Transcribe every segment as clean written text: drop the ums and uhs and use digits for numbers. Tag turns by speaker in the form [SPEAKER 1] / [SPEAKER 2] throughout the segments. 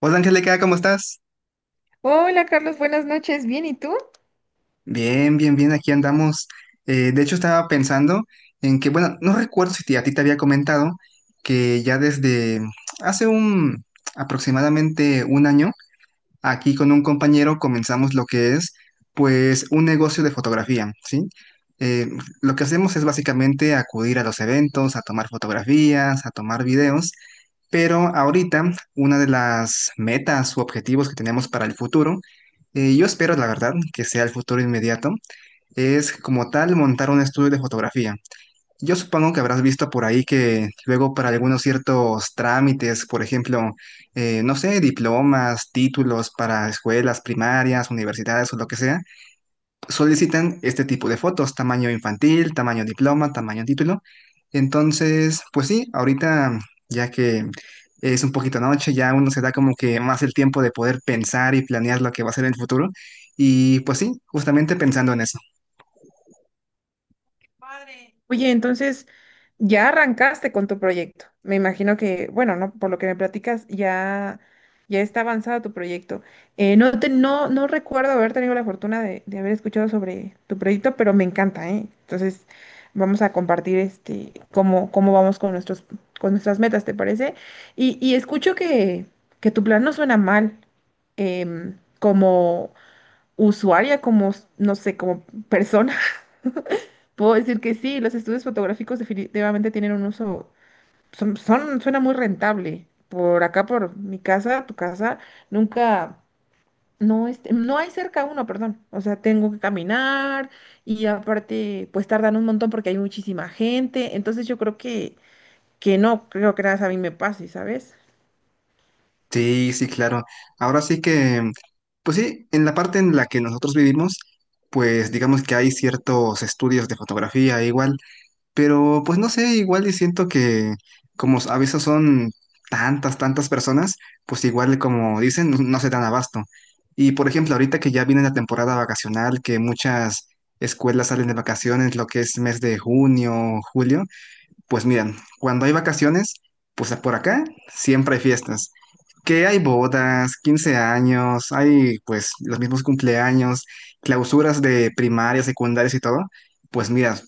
[SPEAKER 1] Hola Angélica, ¿cómo estás?
[SPEAKER 2] Hola Carlos, buenas noches. Bien, ¿y tú?
[SPEAKER 1] Bien, bien, bien, aquí andamos. De hecho, estaba pensando en que, bueno, no recuerdo si a ti te había comentado que ya desde hace un aproximadamente un año aquí con un compañero comenzamos lo que es, pues, un negocio de fotografía, ¿sí? Eh, lo que hacemos es básicamente acudir a los eventos, a tomar fotografías, a tomar videos, pero ahorita una de las metas u objetivos que tenemos para el futuro, yo espero, la verdad, que sea el futuro inmediato, es como tal montar un estudio de fotografía. Yo supongo que habrás visto por ahí que luego para algunos ciertos trámites, por ejemplo, no sé, diplomas, títulos para escuelas primarias, universidades o lo que sea, solicitan este tipo de fotos, tamaño infantil, tamaño diploma, tamaño título. Entonces, pues sí, ahorita ya que es un poquito noche, ya uno se da como que más el tiempo de poder pensar y planear lo que va a ser en el futuro. Y pues sí, justamente pensando en eso.
[SPEAKER 2] Oye, entonces ya arrancaste con tu proyecto. Me imagino que, bueno, no, por lo que me platicas, ya está avanzado tu proyecto. No te, no, No recuerdo haber tenido la fortuna de haber escuchado sobre tu proyecto, pero me encanta, ¿eh? Entonces, vamos a compartir este cómo vamos con con nuestras metas, ¿te parece? Y escucho que tu plan no suena mal. Como usuaria, como, no sé, como persona, puedo decir que sí, los estudios fotográficos definitivamente tienen un uso, suena muy rentable. Por acá, por mi casa, tu casa, nunca, no, este, no hay cerca uno, perdón. O sea, tengo que caminar y aparte, pues tardan un montón porque hay muchísima gente. Entonces yo creo que creo que nada más a mí me pase, ¿sabes?
[SPEAKER 1] Sí, sí, claro. Ahora sí que, pues sí, en la parte en la que nosotros vivimos, pues digamos que hay ciertos estudios de fotografía igual, pero pues no sé, igual y siento que como a veces son tantas, tantas personas, pues igual como dicen, no, no se dan abasto. Y por ejemplo, ahorita que ya viene la temporada vacacional, que muchas escuelas salen de vacaciones, lo que es mes de junio, julio. Pues miren, cuando hay vacaciones, pues por acá siempre hay fiestas. Que hay bodas, 15 años, hay pues los mismos cumpleaños, clausuras de primarias, secundarias y todo. Pues mira,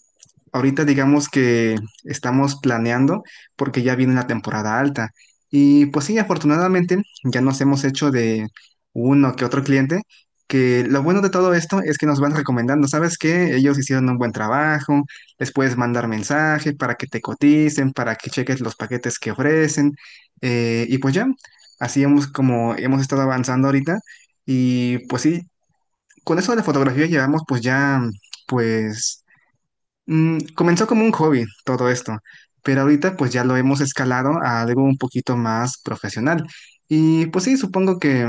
[SPEAKER 1] ahorita digamos que estamos planeando porque ya viene la temporada alta. Y pues sí, afortunadamente ya nos hemos hecho de uno que otro cliente, que lo bueno de todo esto es que nos van recomendando, ¿sabes qué? Ellos hicieron un buen trabajo, les puedes mandar mensaje para que te coticen, para que cheques los paquetes que ofrecen. Y pues ya, así hemos como hemos estado avanzando ahorita. Y pues sí, con eso de la fotografía llevamos pues ya, pues comenzó como un hobby todo esto. Pero ahorita pues ya lo hemos escalado a algo un poquito más profesional. Y pues sí, supongo que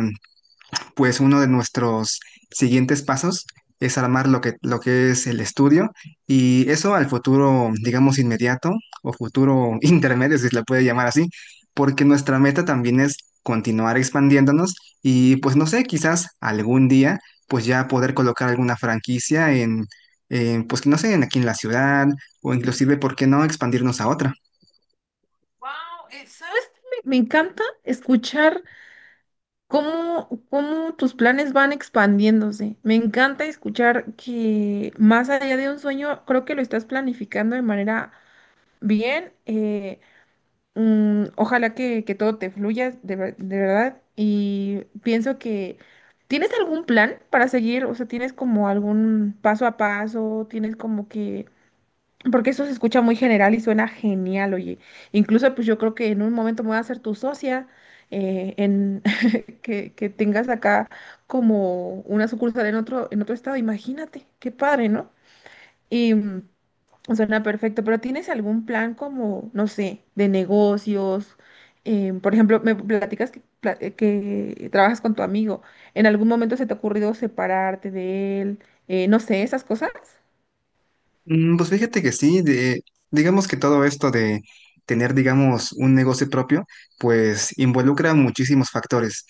[SPEAKER 1] pues uno de nuestros siguientes pasos es armar lo que es el estudio y eso al futuro, digamos, inmediato o futuro intermedio, si se le puede llamar así, porque nuestra meta también es continuar expandiéndonos y pues no sé, quizás algún día pues ya poder colocar alguna franquicia en, pues no sé, en aquí en la ciudad o inclusive, ¿por qué no expandirnos a otra?
[SPEAKER 2] Wow, ¿sabes qué? Me encanta escuchar cómo tus planes van expandiéndose. Me encanta escuchar que más allá de un sueño, creo que lo estás planificando de manera bien. Ojalá que todo te fluya de verdad. Y pienso que ¿tienes algún plan para seguir? O sea, ¿tienes como algún paso a paso? ¿Tienes como que porque eso se escucha muy general y suena genial, oye? Incluso, pues yo creo que en un momento me voy a hacer tu socia, en que tengas acá como una sucursal en en otro estado. Imagínate, qué padre, ¿no? Y suena perfecto, pero ¿tienes algún plan como, no sé, de negocios? Por ejemplo, me platicas que trabajas con tu amigo. ¿En algún momento se te ha ocurrido separarte de él? No sé, esas cosas.
[SPEAKER 1] Mm, pues fíjate que sí, digamos que todo esto de tener, digamos, un negocio propio, pues involucra muchísimos factores.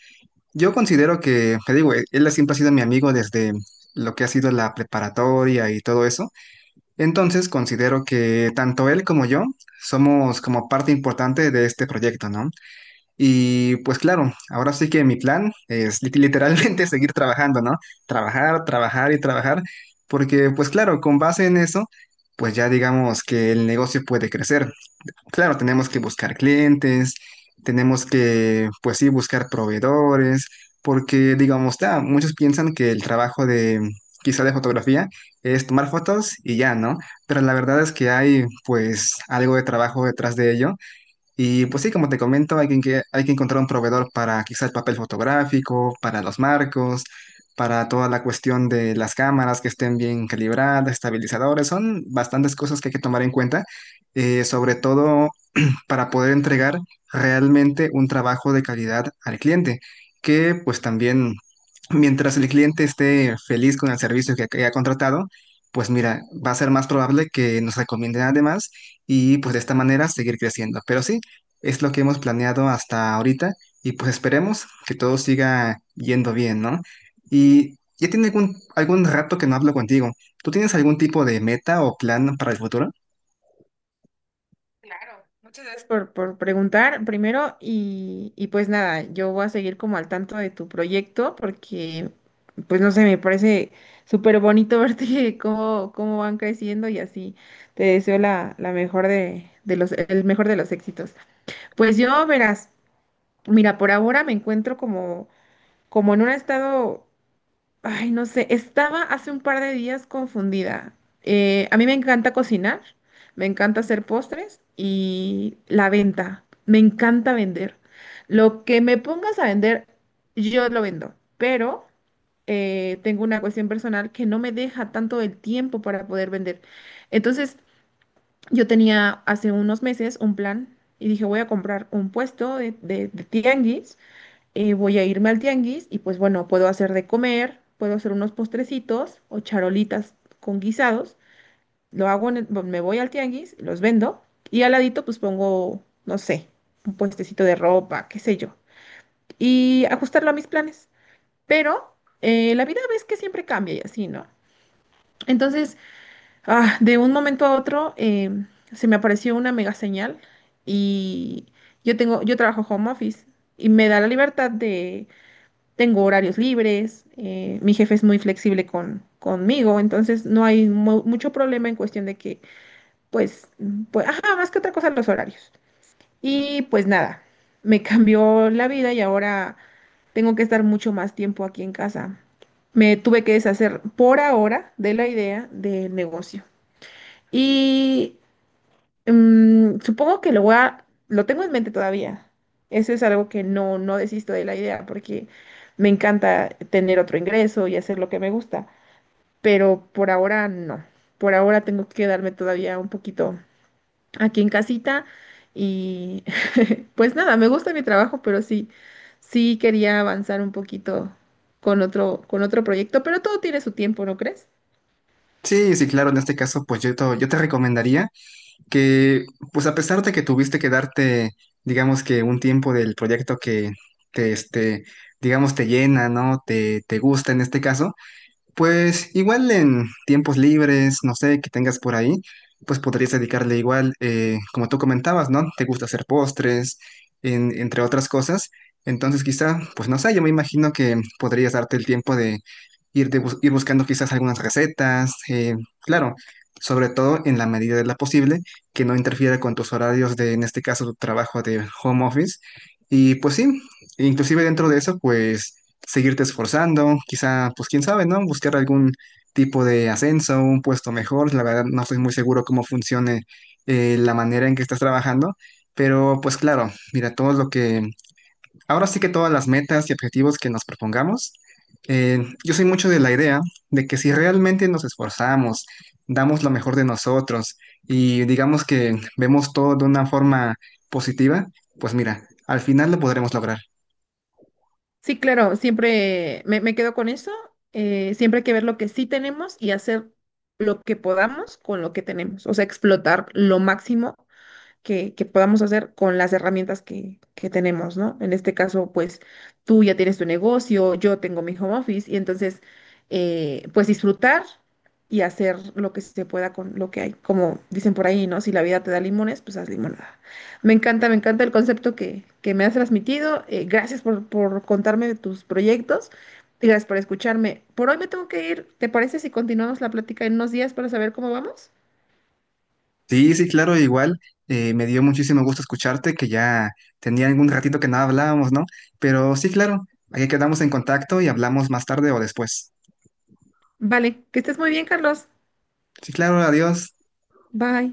[SPEAKER 1] Yo considero que, te digo, él siempre ha sido mi amigo desde lo que ha sido la preparatoria y todo eso. Entonces considero que tanto él como yo somos como parte importante de este proyecto, ¿no? Y pues claro, ahora sí que mi plan es literalmente seguir trabajando, ¿no? Trabajar, trabajar y trabajar, porque pues claro, con base en eso, pues ya digamos que el negocio puede crecer. Claro, tenemos que buscar clientes, tenemos que, pues sí, buscar proveedores, porque digamos, ya, muchos piensan que el trabajo de, quizá de fotografía, es tomar fotos y ya, ¿no? Pero la verdad es que hay pues algo de trabajo detrás de ello y pues sí, como te comento, hay hay que encontrar un proveedor para quizá el papel fotográfico, para los marcos, para toda la cuestión de las cámaras que estén bien calibradas, estabilizadores. Son bastantes cosas que hay que tomar en cuenta, sobre todo para poder entregar realmente un trabajo de calidad al cliente, que pues también mientras el cliente esté feliz con el servicio que ha contratado, pues mira, va a ser más probable que nos recomienden además y pues de esta manera seguir creciendo. Pero sí, es lo que hemos planeado hasta ahorita y pues esperemos que todo siga yendo bien, ¿no? Y ya tiene algún rato que no hablo contigo. ¿Tú tienes algún tipo de meta o plan para el futuro?
[SPEAKER 2] Claro, muchas gracias por preguntar primero y pues nada, yo voy a seguir como al tanto de tu proyecto porque pues no sé, me parece súper bonito verte cómo van creciendo y así te deseo la mejor el mejor de los éxitos. Pues yo verás, mira, por ahora me encuentro como, como en un estado. Ay, no sé, estaba hace un par de días confundida. A mí me encanta cocinar, me encanta hacer postres y la venta. Me encanta vender. Lo que me pongas a vender, yo lo vendo, pero tengo una cuestión personal que no me deja tanto el tiempo para poder vender. Entonces, yo tenía hace unos meses un plan y dije, voy a comprar un puesto de tianguis. Voy a irme al tianguis y pues bueno, puedo hacer de comer, puedo hacer unos postrecitos o charolitas con guisados, lo hago, bueno, me voy al tianguis, los vendo y al ladito pues pongo, no sé, un puestecito de ropa, qué sé yo, y ajustarlo a mis planes. Pero la vida ves que siempre cambia y así, ¿no? Entonces, de un momento a otro se me apareció una mega señal. Y yo tengo, yo trabajo home office y me da la libertad, tengo horarios libres, mi jefe es muy flexible conmigo, entonces no hay mucho problema en cuestión de que, ajá, más que otra cosa los horarios. Y pues nada, me cambió la vida y ahora tengo que estar mucho más tiempo aquí en casa. Me tuve que deshacer por ahora de la idea del negocio. Y supongo que lo voy a, lo tengo en mente todavía. Eso es algo que no desisto de la idea porque me encanta tener otro ingreso y hacer lo que me gusta, pero por ahora no. Por ahora tengo que quedarme todavía un poquito aquí en casita. Y pues nada, me gusta mi trabajo, pero sí, sí quería avanzar un poquito con con otro proyecto, pero todo tiene su tiempo, ¿no crees?
[SPEAKER 1] Sí, sí, claro, en este caso, pues yo, yo te recomendaría que, pues a pesar de que tuviste que darte, digamos que un tiempo del proyecto que te, este, digamos, te llena, ¿no? Te gusta en este caso, pues igual en tiempos libres, no sé, que tengas por ahí, pues podrías dedicarle igual, como tú comentabas, ¿no? Te gusta hacer postres, entre otras cosas. Entonces quizá, pues no sé, yo me imagino que podrías darte el tiempo de ir buscando quizás algunas recetas, claro, sobre todo en la medida de la posible, que no interfiera con tus horarios de, en este caso, tu trabajo de home office. Y pues sí, inclusive dentro de eso, pues seguirte esforzando, quizá, pues quién sabe, ¿no? Buscar algún tipo de ascenso, un puesto mejor. La verdad, no estoy muy seguro cómo funcione la manera en que estás trabajando, pero pues claro, mira, ahora sí que todas las metas y objetivos que nos propongamos, yo soy mucho de la idea de que si realmente nos esforzamos, damos lo mejor de nosotros y digamos que vemos todo de una forma positiva, pues mira, al final lo podremos lograr.
[SPEAKER 2] Sí, claro, siempre me quedo con eso. Siempre hay que ver lo que sí tenemos y hacer lo que podamos con lo que tenemos, o sea, explotar lo máximo que podamos hacer con las herramientas que tenemos, ¿no? En este caso, pues tú ya tienes tu negocio, yo tengo mi home office y entonces, pues disfrutar y hacer lo que se pueda con lo que hay. Como dicen por ahí, ¿no? Si la vida te da limones, pues haz limonada. Me encanta el concepto que me has transmitido. Gracias por contarme de tus proyectos. Gracias por escucharme. Por hoy me tengo que ir. ¿Te parece si continuamos la plática en unos días para saber cómo vamos?
[SPEAKER 1] Sí, sí, claro, igual. Me dio muchísimo gusto escucharte, que ya tenía algún ratito que no hablábamos, ¿no? Pero sí, claro, ahí quedamos en contacto y hablamos más tarde o después.
[SPEAKER 2] Vale, que estés muy bien, Carlos.
[SPEAKER 1] Sí, claro, adiós.
[SPEAKER 2] Bye.